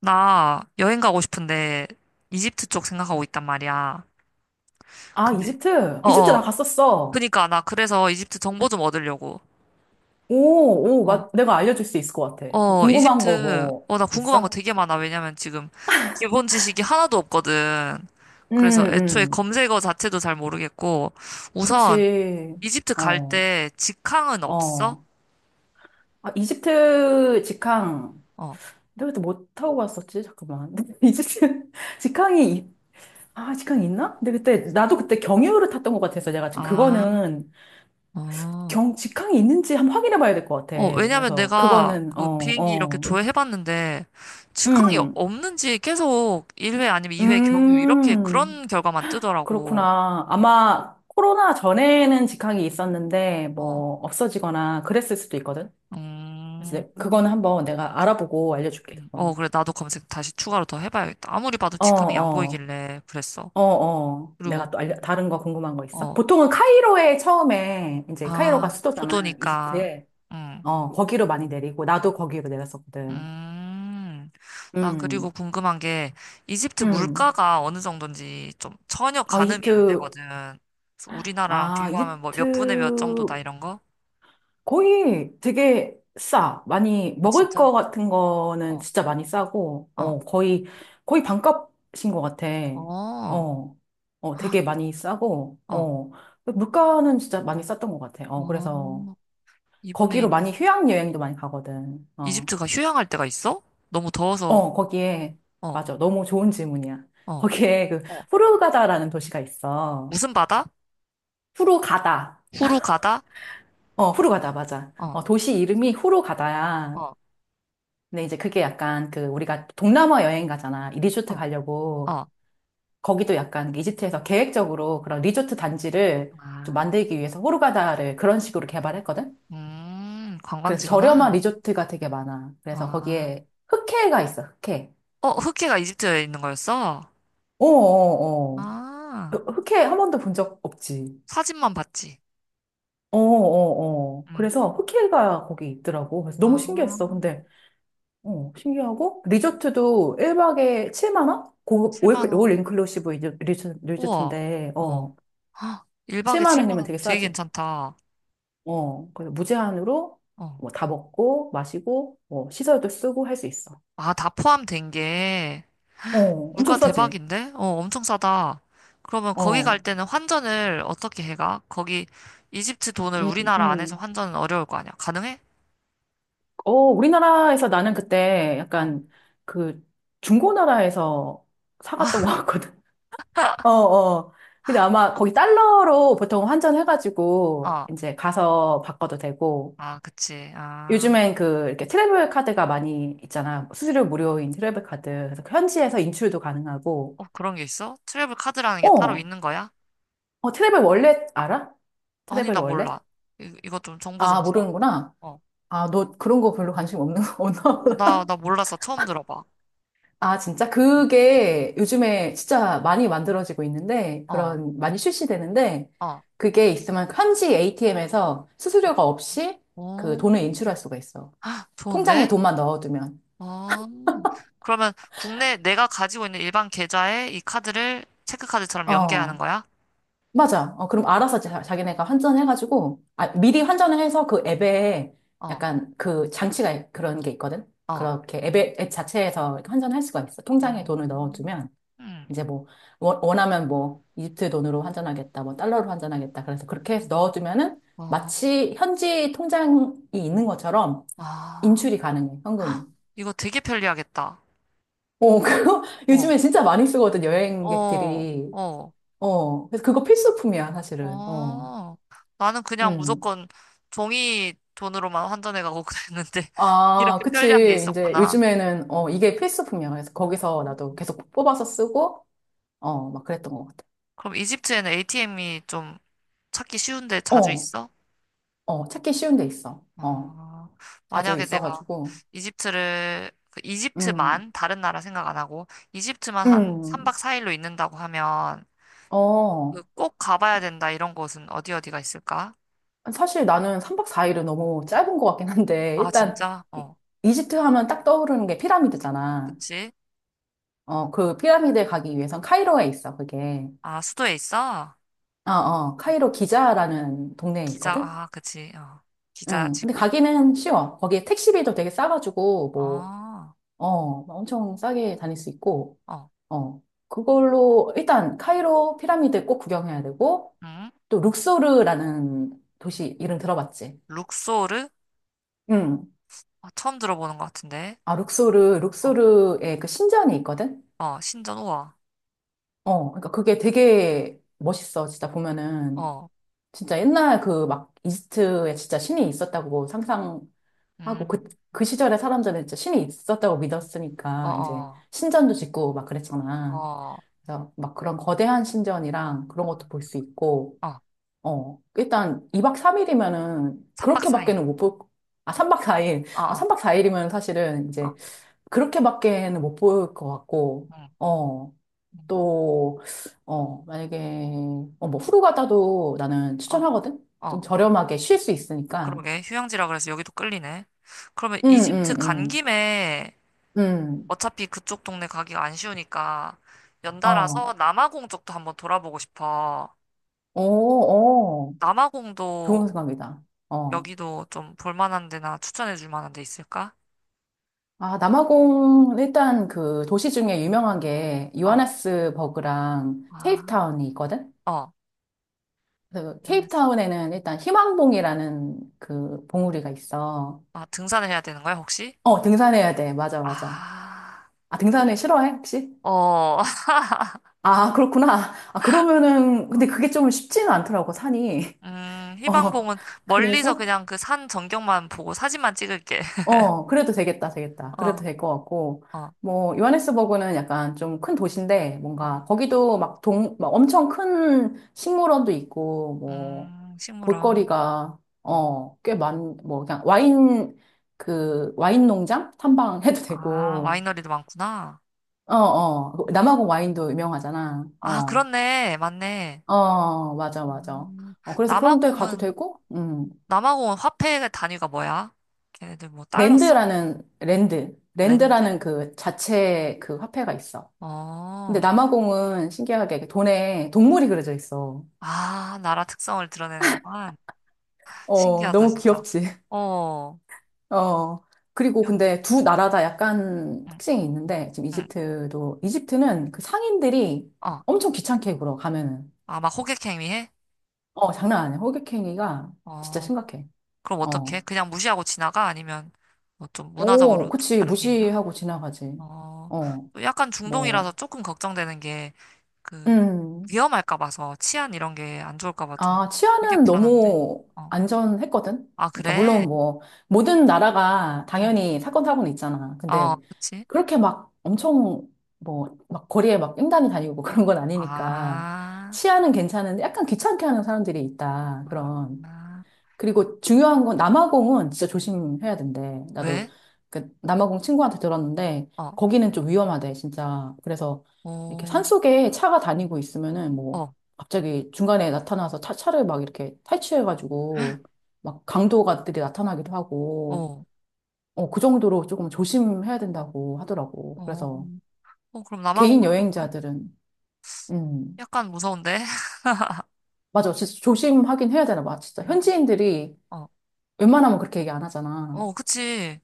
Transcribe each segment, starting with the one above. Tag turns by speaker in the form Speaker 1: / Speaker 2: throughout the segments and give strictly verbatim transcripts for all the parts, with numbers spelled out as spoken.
Speaker 1: 나 여행 가고 싶은데 이집트 쪽 생각하고 있단 말이야.
Speaker 2: 아,
Speaker 1: 근데
Speaker 2: 이집트? 이집트 나
Speaker 1: 어어
Speaker 2: 갔었어.
Speaker 1: 그니까 나 그래서 이집트 정보 좀 얻으려고.
Speaker 2: 오, 오,
Speaker 1: 어.
Speaker 2: 맞, 내가 알려줄 수 있을 것 같아. 뭐
Speaker 1: 어,
Speaker 2: 궁금한 거
Speaker 1: 이집트,
Speaker 2: 뭐,
Speaker 1: 어, 나 궁금한 거
Speaker 2: 있어?
Speaker 1: 되게 많아. 왜냐면 지금 기본 지식이 하나도 없거든.
Speaker 2: 음,
Speaker 1: 그래서 애초에
Speaker 2: 음.
Speaker 1: 검색어 자체도 잘 모르겠고, 우선
Speaker 2: 그치.
Speaker 1: 이집트 갈
Speaker 2: 어,
Speaker 1: 때 직항은 없어?
Speaker 2: 어. 아, 이집트 직항.
Speaker 1: 어.
Speaker 2: 내가 그때 뭐 타고 갔었지? 잠깐만. 이집트 직항이, 이- 아, 직항이 있나? 근데 그때, 나도 그때 경유를 탔던 것 같아서 내가 지금
Speaker 1: 아,
Speaker 2: 그거는
Speaker 1: 어.
Speaker 2: 경, 직항이 있는지 한번 확인해 봐야 될 것 같아.
Speaker 1: 어, 왜냐면
Speaker 2: 그래서
Speaker 1: 내가
Speaker 2: 그거는, 어,
Speaker 1: 그 비행기 이렇게
Speaker 2: 어.
Speaker 1: 조회해봤는데 직항이
Speaker 2: 음,
Speaker 1: 없는지 계속 일 회 아니면 이 회 경유 이렇게
Speaker 2: 음.
Speaker 1: 그런 결과만 뜨더라고.
Speaker 2: 그렇구나. 아마 코로나 전에는 직항이 있었는데
Speaker 1: 어,
Speaker 2: 뭐 없어지거나 그랬을 수도 있거든. 그래서
Speaker 1: 음,
Speaker 2: 내- 그거는 한번 내가 알아보고 알려줄게.
Speaker 1: 음. 어,
Speaker 2: 그거는.
Speaker 1: 그래. 나도 검색 다시 추가로 더 해봐야겠다. 아무리 봐도
Speaker 2: 어,
Speaker 1: 직항이 안
Speaker 2: 어,
Speaker 1: 보이길래 그랬어.
Speaker 2: 어, 어.
Speaker 1: 그리고,
Speaker 2: 내가 또 알려, 다른 거 궁금한 거 있어?
Speaker 1: 어,
Speaker 2: 보통은 카이로에 처음에 이제 카이로가
Speaker 1: 아,
Speaker 2: 수도잖아.
Speaker 1: 수도니까.
Speaker 2: 이집트에.
Speaker 1: 음.
Speaker 2: 어, 거기로 많이 내리고 나도 거기로 내렸었거든.
Speaker 1: 음, 나 그리고
Speaker 2: 음,
Speaker 1: 궁금한 게 이집트
Speaker 2: 음.
Speaker 1: 물가가 어느 정도인지 좀 전혀
Speaker 2: 아,
Speaker 1: 가늠이 안
Speaker 2: 이집트.
Speaker 1: 되거든. 그래서 우리나라랑
Speaker 2: 아,
Speaker 1: 비교하면 뭐 몇 분의 몇 정도다
Speaker 2: 이집트
Speaker 1: 이런 거?
Speaker 2: 거의 되게 싸. 많이,
Speaker 1: 아,
Speaker 2: 먹을
Speaker 1: 진짜?
Speaker 2: 거 같은 거는
Speaker 1: 어,
Speaker 2: 진짜 많이 싸고,
Speaker 1: 어,
Speaker 2: 어, 거의, 거의 반값인 것 같아.
Speaker 1: 어,
Speaker 2: 어, 어,
Speaker 1: 헉,
Speaker 2: 되게 많이 싸고,
Speaker 1: 어,
Speaker 2: 어, 물가는 진짜 많이 쌌던 것 같아. 어, 그래서
Speaker 1: 어, 이분의
Speaker 2: 거기로 많이
Speaker 1: 일이면
Speaker 2: 휴양여행도 많이 가거든. 어,
Speaker 1: 이집트가 휴양할 때가 있어? 너무 더워서,
Speaker 2: 어, 거기에,
Speaker 1: 어,
Speaker 2: 맞아. 너무 좋은 질문이야.
Speaker 1: 어,
Speaker 2: 거기에 그,
Speaker 1: 어,
Speaker 2: 후르가다라는 도시가 있어.
Speaker 1: 무슨 바다?
Speaker 2: 후르가다.
Speaker 1: 후루가다?
Speaker 2: 어, 후르가다, 맞아.
Speaker 1: 어,
Speaker 2: 어, 도시 이름이 후르가다야.
Speaker 1: 어,
Speaker 2: 근데 이제 그게 약간 그 우리가 동남아 여행 가잖아. 이
Speaker 1: 어,
Speaker 2: 리조트 가려고
Speaker 1: 어.
Speaker 2: 거기도 약간 이집트에서 계획적으로 그런 리조트 단지를 좀
Speaker 1: 아,
Speaker 2: 만들기 위해서 호르가다를 그런 식으로 개발했거든.
Speaker 1: 음,
Speaker 2: 그래서
Speaker 1: 관광지구나.
Speaker 2: 저렴한 리조트가 되게 많아. 그래서
Speaker 1: 아,
Speaker 2: 거기에 흑해가 있어. 흑해.
Speaker 1: 어, 흑해가 이집트에 있는 거였어?
Speaker 2: 어어어.
Speaker 1: 아,
Speaker 2: 흑해 한 번도 본 적 없지.
Speaker 1: 사진만 봤지.
Speaker 2: 어어어.
Speaker 1: 응.
Speaker 2: 그래서 흑해가 거기 있더라고. 그래서 너무
Speaker 1: 아,
Speaker 2: 신기했어. 근데 어, 신기하고 리조트도 일 박에 칠만 원? 고급
Speaker 1: 칠만
Speaker 2: 올,
Speaker 1: 원.
Speaker 2: 올 인클루시브 리조- 리조-
Speaker 1: 우와.
Speaker 2: 리조트인데
Speaker 1: 어.
Speaker 2: 어,
Speaker 1: 헉, 일 박에
Speaker 2: 칠만
Speaker 1: 칠만
Speaker 2: 원이면
Speaker 1: 원
Speaker 2: 되게
Speaker 1: 되게
Speaker 2: 싸지.
Speaker 1: 괜찮다.
Speaker 2: 어, 그래서 무제한으로
Speaker 1: 어.
Speaker 2: 뭐 다 먹고 마시고 뭐 시설도 쓰고 할 수 있어.
Speaker 1: 아, 다 포함된 게
Speaker 2: 어, 엄청
Speaker 1: 물가
Speaker 2: 싸지.
Speaker 1: 대박인데? 어, 엄청 싸다. 그러면 거기 갈
Speaker 2: 어.
Speaker 1: 때는 환전을 어떻게 해가? 거기 이집트 돈을
Speaker 2: 음.
Speaker 1: 우리나라 안에서
Speaker 2: 음.
Speaker 1: 환전은 어려울 거 아니야. 가능해?
Speaker 2: 어, 우리나라에서 나는 그때
Speaker 1: 어.
Speaker 2: 약간 그 중고나라에서 사갔던 것
Speaker 1: 아,
Speaker 2: 같거든. 어, 어. 근데 아마 거기 달러로 보통 환전해가지고
Speaker 1: 어.
Speaker 2: 이제 가서 바꿔도 되고
Speaker 1: 아, 그치. 아.
Speaker 2: 요즘엔 그 이렇게 트래블 카드가 많이 있잖아. 수수료 무료인 트래블 카드. 그래서 그 현지에서 인출도 가능하고.
Speaker 1: 어, 그런 게 있어? 트래블 카드라는 게 따로
Speaker 2: 어,
Speaker 1: 있는 거야?
Speaker 2: 어, 트래블 월렛 알아?
Speaker 1: 아니,
Speaker 2: 트래블
Speaker 1: 나 몰라.
Speaker 2: 월렛?
Speaker 1: 이, 이거 좀 정보 좀
Speaker 2: 아,
Speaker 1: 주라.
Speaker 2: 모르는구나.
Speaker 1: 어.
Speaker 2: 아, 너 그런 거 별로 관심 없는
Speaker 1: 어,
Speaker 2: 거구나.
Speaker 1: 나, 나 몰랐어. 처음 들어봐.
Speaker 2: 아, 진짜?
Speaker 1: 음.
Speaker 2: 그게 요즘에 진짜 많이 만들어지고 있는데,
Speaker 1: 어,
Speaker 2: 그런, 많이 출시되는데,
Speaker 1: 어.
Speaker 2: 그게 있으면 현지 에이티엠에서 수수료가 없이 그
Speaker 1: 오,
Speaker 2: 돈을 인출할 수가 있어.
Speaker 1: 아,
Speaker 2: 통장에
Speaker 1: 좋은데?
Speaker 2: 돈만 넣어두면.
Speaker 1: 어, 그러면 국내 내가 가지고 있는 일반 계좌에 이 카드를 체크카드처럼 연계하는
Speaker 2: 어.
Speaker 1: 거야?
Speaker 2: 맞아. 어, 그럼 알아서 자, 자기네가 환전해가지고, 아, 미리 환전을 해서 그 앱에
Speaker 1: 어,
Speaker 2: 약간 그 장치가 그런 게 있거든?
Speaker 1: 어.
Speaker 2: 그렇게 앱에, 앱 자체에서 이렇게 환전할 수가 있어. 통장에 돈을
Speaker 1: 음,
Speaker 2: 넣어주면,
Speaker 1: 음,
Speaker 2: 이제 뭐, 원- 원하면 뭐, 이집트 돈으로 환전하겠다, 뭐, 달러로 환전하겠다. 그래서 그렇게 해서 넣어주면은
Speaker 1: 어,
Speaker 2: 마치 현지 통장이 있는 것처럼
Speaker 1: 아,
Speaker 2: 인출이 가능해, 현금을.
Speaker 1: 아, 이거 되게 편리하겠다.
Speaker 2: 어, 그거
Speaker 1: 어,
Speaker 2: 요즘에 진짜 많이 쓰거든,
Speaker 1: 어,
Speaker 2: 여행객들이.
Speaker 1: 어,
Speaker 2: 어, 그래서 그거 필수품이야, 사실은. 어.
Speaker 1: 어. 나는 그냥
Speaker 2: 음.
Speaker 1: 무조건 종이 돈으로만 환전해가고 그랬는데
Speaker 2: 아,
Speaker 1: 이렇게 편리한 게
Speaker 2: 그치. 이제
Speaker 1: 있었구나.
Speaker 2: 요즘에는, 어, 이게 필수품이야. 그래서
Speaker 1: 어,
Speaker 2: 거기서 나도 계속 뽑아서 쓰고, 어, 막 그랬던 것 같아.
Speaker 1: 그럼 이집트에는 에이티엠이 좀 찾기 쉬운데 자주
Speaker 2: 어,
Speaker 1: 있어?
Speaker 2: 어, 찾기 쉬운 데 있어. 어,
Speaker 1: 어,
Speaker 2: 자주
Speaker 1: 만약에 내가
Speaker 2: 있어가지고.
Speaker 1: 이집트를, 그
Speaker 2: 음,
Speaker 1: 이집트만, 다른 나라 생각 안 하고, 이집트만 한
Speaker 2: 음,
Speaker 1: 삼 박 사 일로 있는다고 하면, 그
Speaker 2: 어.
Speaker 1: 꼭 가봐야 된다, 이런 곳은 어디 어디가 있을까?
Speaker 2: 사실 나는 삼 박 사 일은 너무 짧은 것 같긴 한데,
Speaker 1: 아,
Speaker 2: 일단,
Speaker 1: 진짜?
Speaker 2: 이-
Speaker 1: 어,
Speaker 2: 이집트 하면 딱 떠오르는 게 피라미드잖아.
Speaker 1: 그치?
Speaker 2: 어, 그 피라미드에 가기 위해선 카이로에 있어, 그게.
Speaker 1: 아, 수도에 있어?
Speaker 2: 어, 어,
Speaker 1: 응.
Speaker 2: 카이로 기자라는 동네에
Speaker 1: 기자,
Speaker 2: 있거든?
Speaker 1: 아, 그치, 어,
Speaker 2: 응. 근데
Speaker 1: 기자지구.
Speaker 2: 가기는 쉬워. 거기에 택시비도 되게 싸가지고, 뭐,
Speaker 1: 아,
Speaker 2: 어, 엄청 싸게 다닐 수 있고,
Speaker 1: 어,
Speaker 2: 어. 그걸로, 일단, 카이로 피라미드 꼭 구경해야 되고,
Speaker 1: 응?
Speaker 2: 또, 룩소르라는 도시 이름 들어봤지?
Speaker 1: 룩소르?
Speaker 2: 응.
Speaker 1: 아, 처음 들어보는 것 같은데.
Speaker 2: 아, 룩소르,
Speaker 1: 어,
Speaker 2: 룩소르에 그 신전이 있거든?
Speaker 1: 어, 신전 우와.
Speaker 2: 어. 그러니까 그게 되게 멋있어. 진짜 보면은.
Speaker 1: 어.
Speaker 2: 진짜 옛날 그 막 이집트에 진짜 신이 있었다고 상상, 하고 그,
Speaker 1: 음.
Speaker 2: 그 시절에 사람들은 진짜 신이 있었다고
Speaker 1: 어,
Speaker 2: 믿었으니까 이제
Speaker 1: 어,
Speaker 2: 신전도 짓고 막 그랬잖아.
Speaker 1: 어,
Speaker 2: 그래서 막 그런 거대한 신전이랑 그런 것도 볼 수 있고,
Speaker 1: 어,
Speaker 2: 어, 일단 이 박 삼 일이면은
Speaker 1: 삼 박 사 일.
Speaker 2: 그렇게밖에는 못 볼, 아, 삼 박 사 일.
Speaker 1: 어,
Speaker 2: 어,
Speaker 1: 어,
Speaker 2: 삼 박 사 일이면 사실은
Speaker 1: 어,
Speaker 2: 이제 그렇게밖에는 못 볼 것 같고,
Speaker 1: 응,
Speaker 2: 어,
Speaker 1: 응,
Speaker 2: 또, 어, 만약에, 어, 뭐 후루가다도 나는
Speaker 1: 응. 어,
Speaker 2: 추천하거든? 좀
Speaker 1: 어.
Speaker 2: 저렴하게 쉴 수 있으니까.
Speaker 1: 그러게. 휴양지라 그래서 여기도 끌리네. 그러면
Speaker 2: 응,
Speaker 1: 이집트
Speaker 2: 응,
Speaker 1: 간
Speaker 2: 응,
Speaker 1: 김에
Speaker 2: 응.
Speaker 1: 어차피 그쪽 동네 가기가 안 쉬우니까
Speaker 2: 어.
Speaker 1: 연달아서 남아공 쪽도 한번 돌아보고 싶어.
Speaker 2: 어, 어,
Speaker 1: 남아공도
Speaker 2: 좋은 생각이다. 어.
Speaker 1: 여기도 좀 볼만한 데나 추천해 줄 만한 데 있을까?
Speaker 2: 아, 남아공, 일단 그 도시 중에 유명한 게
Speaker 1: 어,
Speaker 2: 요하네스버그랑
Speaker 1: 아,
Speaker 2: 케이프타운이 있거든?
Speaker 1: 어,
Speaker 2: 그
Speaker 1: 면에서.
Speaker 2: 케이프타운에는 일단 희망봉이라는 그 봉우리가 있어.
Speaker 1: 아, 등산을 해야 되는 거야, 혹시?
Speaker 2: 어, 등산해야 돼. 맞아, 맞아.
Speaker 1: 아,
Speaker 2: 아, 등산을 싫어해, 혹시?
Speaker 1: 어.
Speaker 2: 아, 그렇구나. 아, 그러면은, 근데 그게 좀 쉽지는 않더라고, 산이.
Speaker 1: 음,
Speaker 2: 어,
Speaker 1: 희망봉은 멀리서
Speaker 2: 그래서?
Speaker 1: 그냥 그 산 전경만 보고 사진만 찍을게.
Speaker 2: 어, 그래도 되겠다, 되겠다. 그래도
Speaker 1: 어,
Speaker 2: 될 것 같고.
Speaker 1: 어,
Speaker 2: 뭐, 요하네스버그는 약간 좀 큰 도시인데,
Speaker 1: 어.
Speaker 2: 뭔가, 거기도 막 동, 막 엄청 큰 식물원도 있고, 뭐,
Speaker 1: 음, 식물원.
Speaker 2: 볼거리가,
Speaker 1: 어.
Speaker 2: 어, 꽤 많, 뭐, 그냥 와인, 그, 와인 농장? 탐방해도
Speaker 1: 아,
Speaker 2: 되고,
Speaker 1: 와이너리도 많구나.
Speaker 2: 어, 어.
Speaker 1: 어.
Speaker 2: 남아공 와인도 유명하잖아.
Speaker 1: 아,
Speaker 2: 어,
Speaker 1: 그렇네. 맞네.
Speaker 2: 어, 맞아, 맞아.
Speaker 1: 음,
Speaker 2: 어, 그래서 그런 데 가도
Speaker 1: 남아공은,
Speaker 2: 되고, 음.
Speaker 1: 남아공은 화폐 단위가 뭐야? 걔네들 뭐 달러 써?
Speaker 2: 랜드라는, 랜드.
Speaker 1: 랜드?
Speaker 2: 랜드라는 그 자체 그 화폐가 있어. 근데
Speaker 1: 어.
Speaker 2: 남아공은 신기하게 그 돈에 동물이 그려져 있어.
Speaker 1: 아, 나라 특성을 드러내는구만.
Speaker 2: 어,
Speaker 1: 신기하다,
Speaker 2: 너무
Speaker 1: 진짜.
Speaker 2: 귀엽지.
Speaker 1: 어.
Speaker 2: 어. 그리고
Speaker 1: 좀,
Speaker 2: 근데 두 나라 다 약간
Speaker 1: 응,
Speaker 2: 특징이 있는데, 지금
Speaker 1: 응.
Speaker 2: 이집트도, 이집트는 그 상인들이
Speaker 1: 어.
Speaker 2: 엄청 귀찮게 굴어, 가면은.
Speaker 1: 아, 막 호객행위 해?
Speaker 2: 어, 장난 아니야. 호객행위가 진짜
Speaker 1: 어.
Speaker 2: 심각해.
Speaker 1: 그럼 어떡해?
Speaker 2: 어.
Speaker 1: 그냥 무시하고 지나가? 아니면 뭐 좀
Speaker 2: 오,
Speaker 1: 문화적으로 좀
Speaker 2: 그치.
Speaker 1: 다른 게 있나?
Speaker 2: 무시하고 지나가지.
Speaker 1: 어,
Speaker 2: 어,
Speaker 1: 또 약간 중동이라서
Speaker 2: 뭐.
Speaker 1: 조금 걱정되는 게 그
Speaker 2: 음.
Speaker 1: 위험할까 봐서 치안 이런 게 안 좋을까 봐 좀
Speaker 2: 아,
Speaker 1: 되게
Speaker 2: 치안은
Speaker 1: 불안한데.
Speaker 2: 너무
Speaker 1: 어,
Speaker 2: 안전했거든?
Speaker 1: 아
Speaker 2: 그러니까,
Speaker 1: 그래?
Speaker 2: 물론 뭐, 모든 나라가
Speaker 1: 응.
Speaker 2: 당연히 사건, 사고는 있잖아.
Speaker 1: 어,
Speaker 2: 근데,
Speaker 1: 그치?
Speaker 2: 그렇게 막 엄청, 뭐, 막 거리에 막 횡단이 다니고 그런 건 아니니까,
Speaker 1: 아,
Speaker 2: 치안은 괜찮은데, 약간 귀찮게 하는 사람들이 있다.
Speaker 1: 아,
Speaker 2: 그런.
Speaker 1: 아.
Speaker 2: 그리고 중요한 건 남아공은 진짜 조심해야 된대. 나도
Speaker 1: 왜?
Speaker 2: 그 남아공 친구한테 들었는데
Speaker 1: 어,
Speaker 2: 거기는 좀 위험하대, 진짜. 그래서 이렇게
Speaker 1: 어,
Speaker 2: 산속에 차가 다니고 있으면은 뭐
Speaker 1: 어,
Speaker 2: 갑자기 중간에 나타나서 차, 차를 막 이렇게 탈취해가지고 막 강도가들이 나타나기도 하고
Speaker 1: 어,
Speaker 2: 어, 그 정도로 조금 조심해야 된다고 하더라고.
Speaker 1: 어,
Speaker 2: 그래서
Speaker 1: 어, 그럼
Speaker 2: 개인
Speaker 1: 남아공은 조금
Speaker 2: 여행자들은 음,
Speaker 1: 약간 무서운데?
Speaker 2: 맞아. 진짜 조심하긴 해야 되나 봐. 진짜
Speaker 1: 어,
Speaker 2: 현지인들이
Speaker 1: 어,
Speaker 2: 웬만하면 그렇게 얘기 안 하잖아.
Speaker 1: 어, 그치?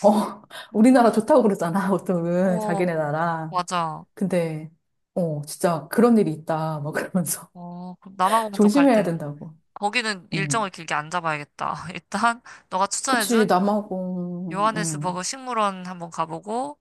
Speaker 2: 어,
Speaker 1: 어,
Speaker 2: 우리나라
Speaker 1: 간-
Speaker 2: 좋다고 그러잖아, 보통은.
Speaker 1: 어,
Speaker 2: 자기네 나라.
Speaker 1: 맞아.
Speaker 2: 근데, 어, 진짜 그런 일이 있다. 막 그러면서.
Speaker 1: 어, 그럼 남아공 쪽 갈
Speaker 2: 조심해야
Speaker 1: 때는
Speaker 2: 된다고.
Speaker 1: 거기는 일정을
Speaker 2: 음.
Speaker 1: 길게 안 잡아야겠다. 일단 너가
Speaker 2: 그치,
Speaker 1: 추천해준
Speaker 2: 남아공,
Speaker 1: 요하네스버그
Speaker 2: 음.
Speaker 1: 식물원 한번 가보고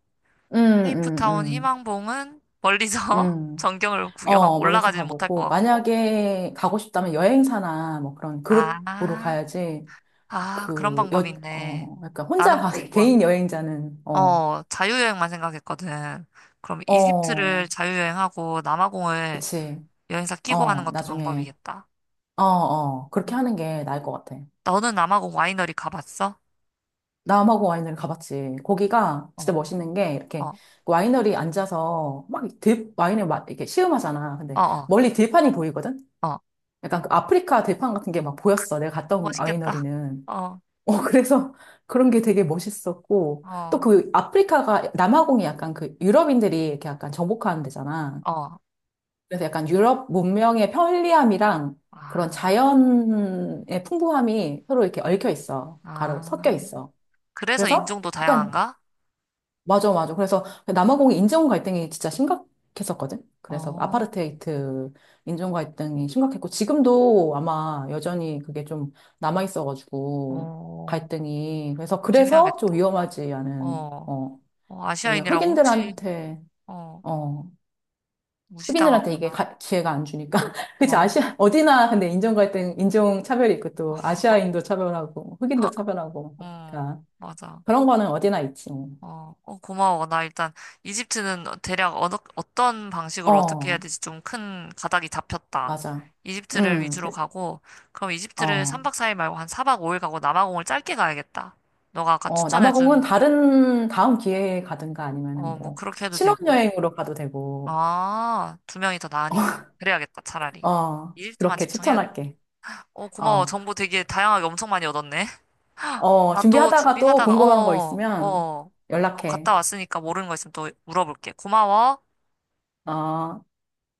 Speaker 2: 음, 음,
Speaker 1: 케이프타운
Speaker 2: 음.
Speaker 1: 희망봉은 멀리서
Speaker 2: 음.
Speaker 1: 전경을 구경하고
Speaker 2: 어, 멀리서
Speaker 1: 올라가지는 못할 것
Speaker 2: 가보고.
Speaker 1: 같고.
Speaker 2: 만약에 가고 싶다면 여행사나 뭐 그런 그룹으로
Speaker 1: 아,
Speaker 2: 가야지.
Speaker 1: 아, 그런
Speaker 2: 그,
Speaker 1: 방법이
Speaker 2: 여,
Speaker 1: 있네.
Speaker 2: 어, 약간 혼자
Speaker 1: 나는
Speaker 2: 가,
Speaker 1: 무조건
Speaker 2: 개인 여행자는, 어,
Speaker 1: 어, 자유여행만 생각했거든. 그럼 이집트를
Speaker 2: 어,
Speaker 1: 자유여행하고 남아공을
Speaker 2: 그치.
Speaker 1: 여행사 끼고 하는
Speaker 2: 어,
Speaker 1: 것도
Speaker 2: 나중에,
Speaker 1: 방법이겠다.
Speaker 2: 어, 어, 그렇게 하는 게 나을 것 같아.
Speaker 1: 너는 남아공 와이너리 가봤어?
Speaker 2: 남아공 와이너리 가봤지. 거기가
Speaker 1: 어,
Speaker 2: 진짜 멋있는 게 이렇게
Speaker 1: 어,
Speaker 2: 와이너리 앉아서 막 들, 와인을 막 이렇게 시음하잖아.
Speaker 1: 어,
Speaker 2: 근데
Speaker 1: 어.
Speaker 2: 멀리 들판이 보이거든?
Speaker 1: 어.
Speaker 2: 약간 그 아프리카 들판 같은 게 막 보였어. 내가 갔다 온
Speaker 1: 멋있겠다.
Speaker 2: 와이너리는.
Speaker 1: 어,
Speaker 2: 어, 그래서 그런 게 되게 멋있었고. 또
Speaker 1: 어,
Speaker 2: 그 아프리카가, 남아공이 약간 그 유럽인들이 이렇게 약간 정복하는 데잖아.
Speaker 1: 어.
Speaker 2: 그래서 약간 유럽 문명의 편리함이랑 그런
Speaker 1: 아,
Speaker 2: 자연의 풍부함이 서로 이렇게 얽혀 있어. 가로
Speaker 1: 아.
Speaker 2: 섞여 있어.
Speaker 1: 그래서
Speaker 2: 그래서
Speaker 1: 인종도
Speaker 2: 약간
Speaker 1: 다양한가?
Speaker 2: 맞아, 맞아. 그래서 남아공이 인종 갈등이 진짜 심각했었거든. 그래서
Speaker 1: 어,
Speaker 2: 아파르테이트 인종 갈등이 심각했고, 지금도 아마 여전히 그게 좀 남아있어가지고,
Speaker 1: 어.
Speaker 2: 갈등이. 그래서, 그래서 좀
Speaker 1: 조심해야겠다.
Speaker 2: 위험하지 않은,
Speaker 1: 어,
Speaker 2: 어,
Speaker 1: 어,
Speaker 2: 뭐냐,
Speaker 1: 아시아인이라고 혹시,
Speaker 2: 흑인들한테,
Speaker 1: 어,
Speaker 2: 어, 흑인들한테 이게
Speaker 1: 무시당하구나.
Speaker 2: 가- 기회가 안 주니까. 그치,
Speaker 1: 어,
Speaker 2: 아시아, 어디나 근데 인종 갈등, 인종 차별이 있고, 또 아시아인도 차별하고, 흑인도
Speaker 1: 하,
Speaker 2: 차별하고,
Speaker 1: 음,
Speaker 2: 그러니까.
Speaker 1: 맞아.
Speaker 2: 그런 거는 어디나 있지. 뭐.
Speaker 1: 어, 어, 고마워. 나 일단 이집트는 대략 어느, 어떤 방식으로 어떻게 해야
Speaker 2: 어,
Speaker 1: 될지 좀 큰 가닥이 잡혔다.
Speaker 2: 맞아.
Speaker 1: 이집트를
Speaker 2: 음.
Speaker 1: 위주로 가고, 그럼 이집트를
Speaker 2: 어,
Speaker 1: 삼 박 사 일 말고 한 사 박 오 일 가고 남아공을 짧게 가야겠다. 너가 아까
Speaker 2: 어, 남아공은
Speaker 1: 추천해준
Speaker 2: 다른, 다음 기회에 가든가 아니면은
Speaker 1: 어, 뭐
Speaker 2: 뭐,
Speaker 1: 그렇게 해도 되고.
Speaker 2: 신혼여행으로 가도 되고,
Speaker 1: 아, 두 명이 더 나으니까. 그래야겠다, 차라리.
Speaker 2: 어,
Speaker 1: 일트만
Speaker 2: 그렇게
Speaker 1: 집중해야겠다.
Speaker 2: 추천할게.
Speaker 1: 어,
Speaker 2: 어,
Speaker 1: 고마워. 정보 되게 다양하게 엄청 많이 얻었네.
Speaker 2: 어,
Speaker 1: 나 또
Speaker 2: 준비하다가 또
Speaker 1: 준비하다가,
Speaker 2: 궁금한 거
Speaker 1: 어, 어,
Speaker 2: 있으면
Speaker 1: 어,
Speaker 2: 연락해.
Speaker 1: 갔다 왔으니까 모르는 거 있으면 또 물어볼게. 고마워.
Speaker 2: 어.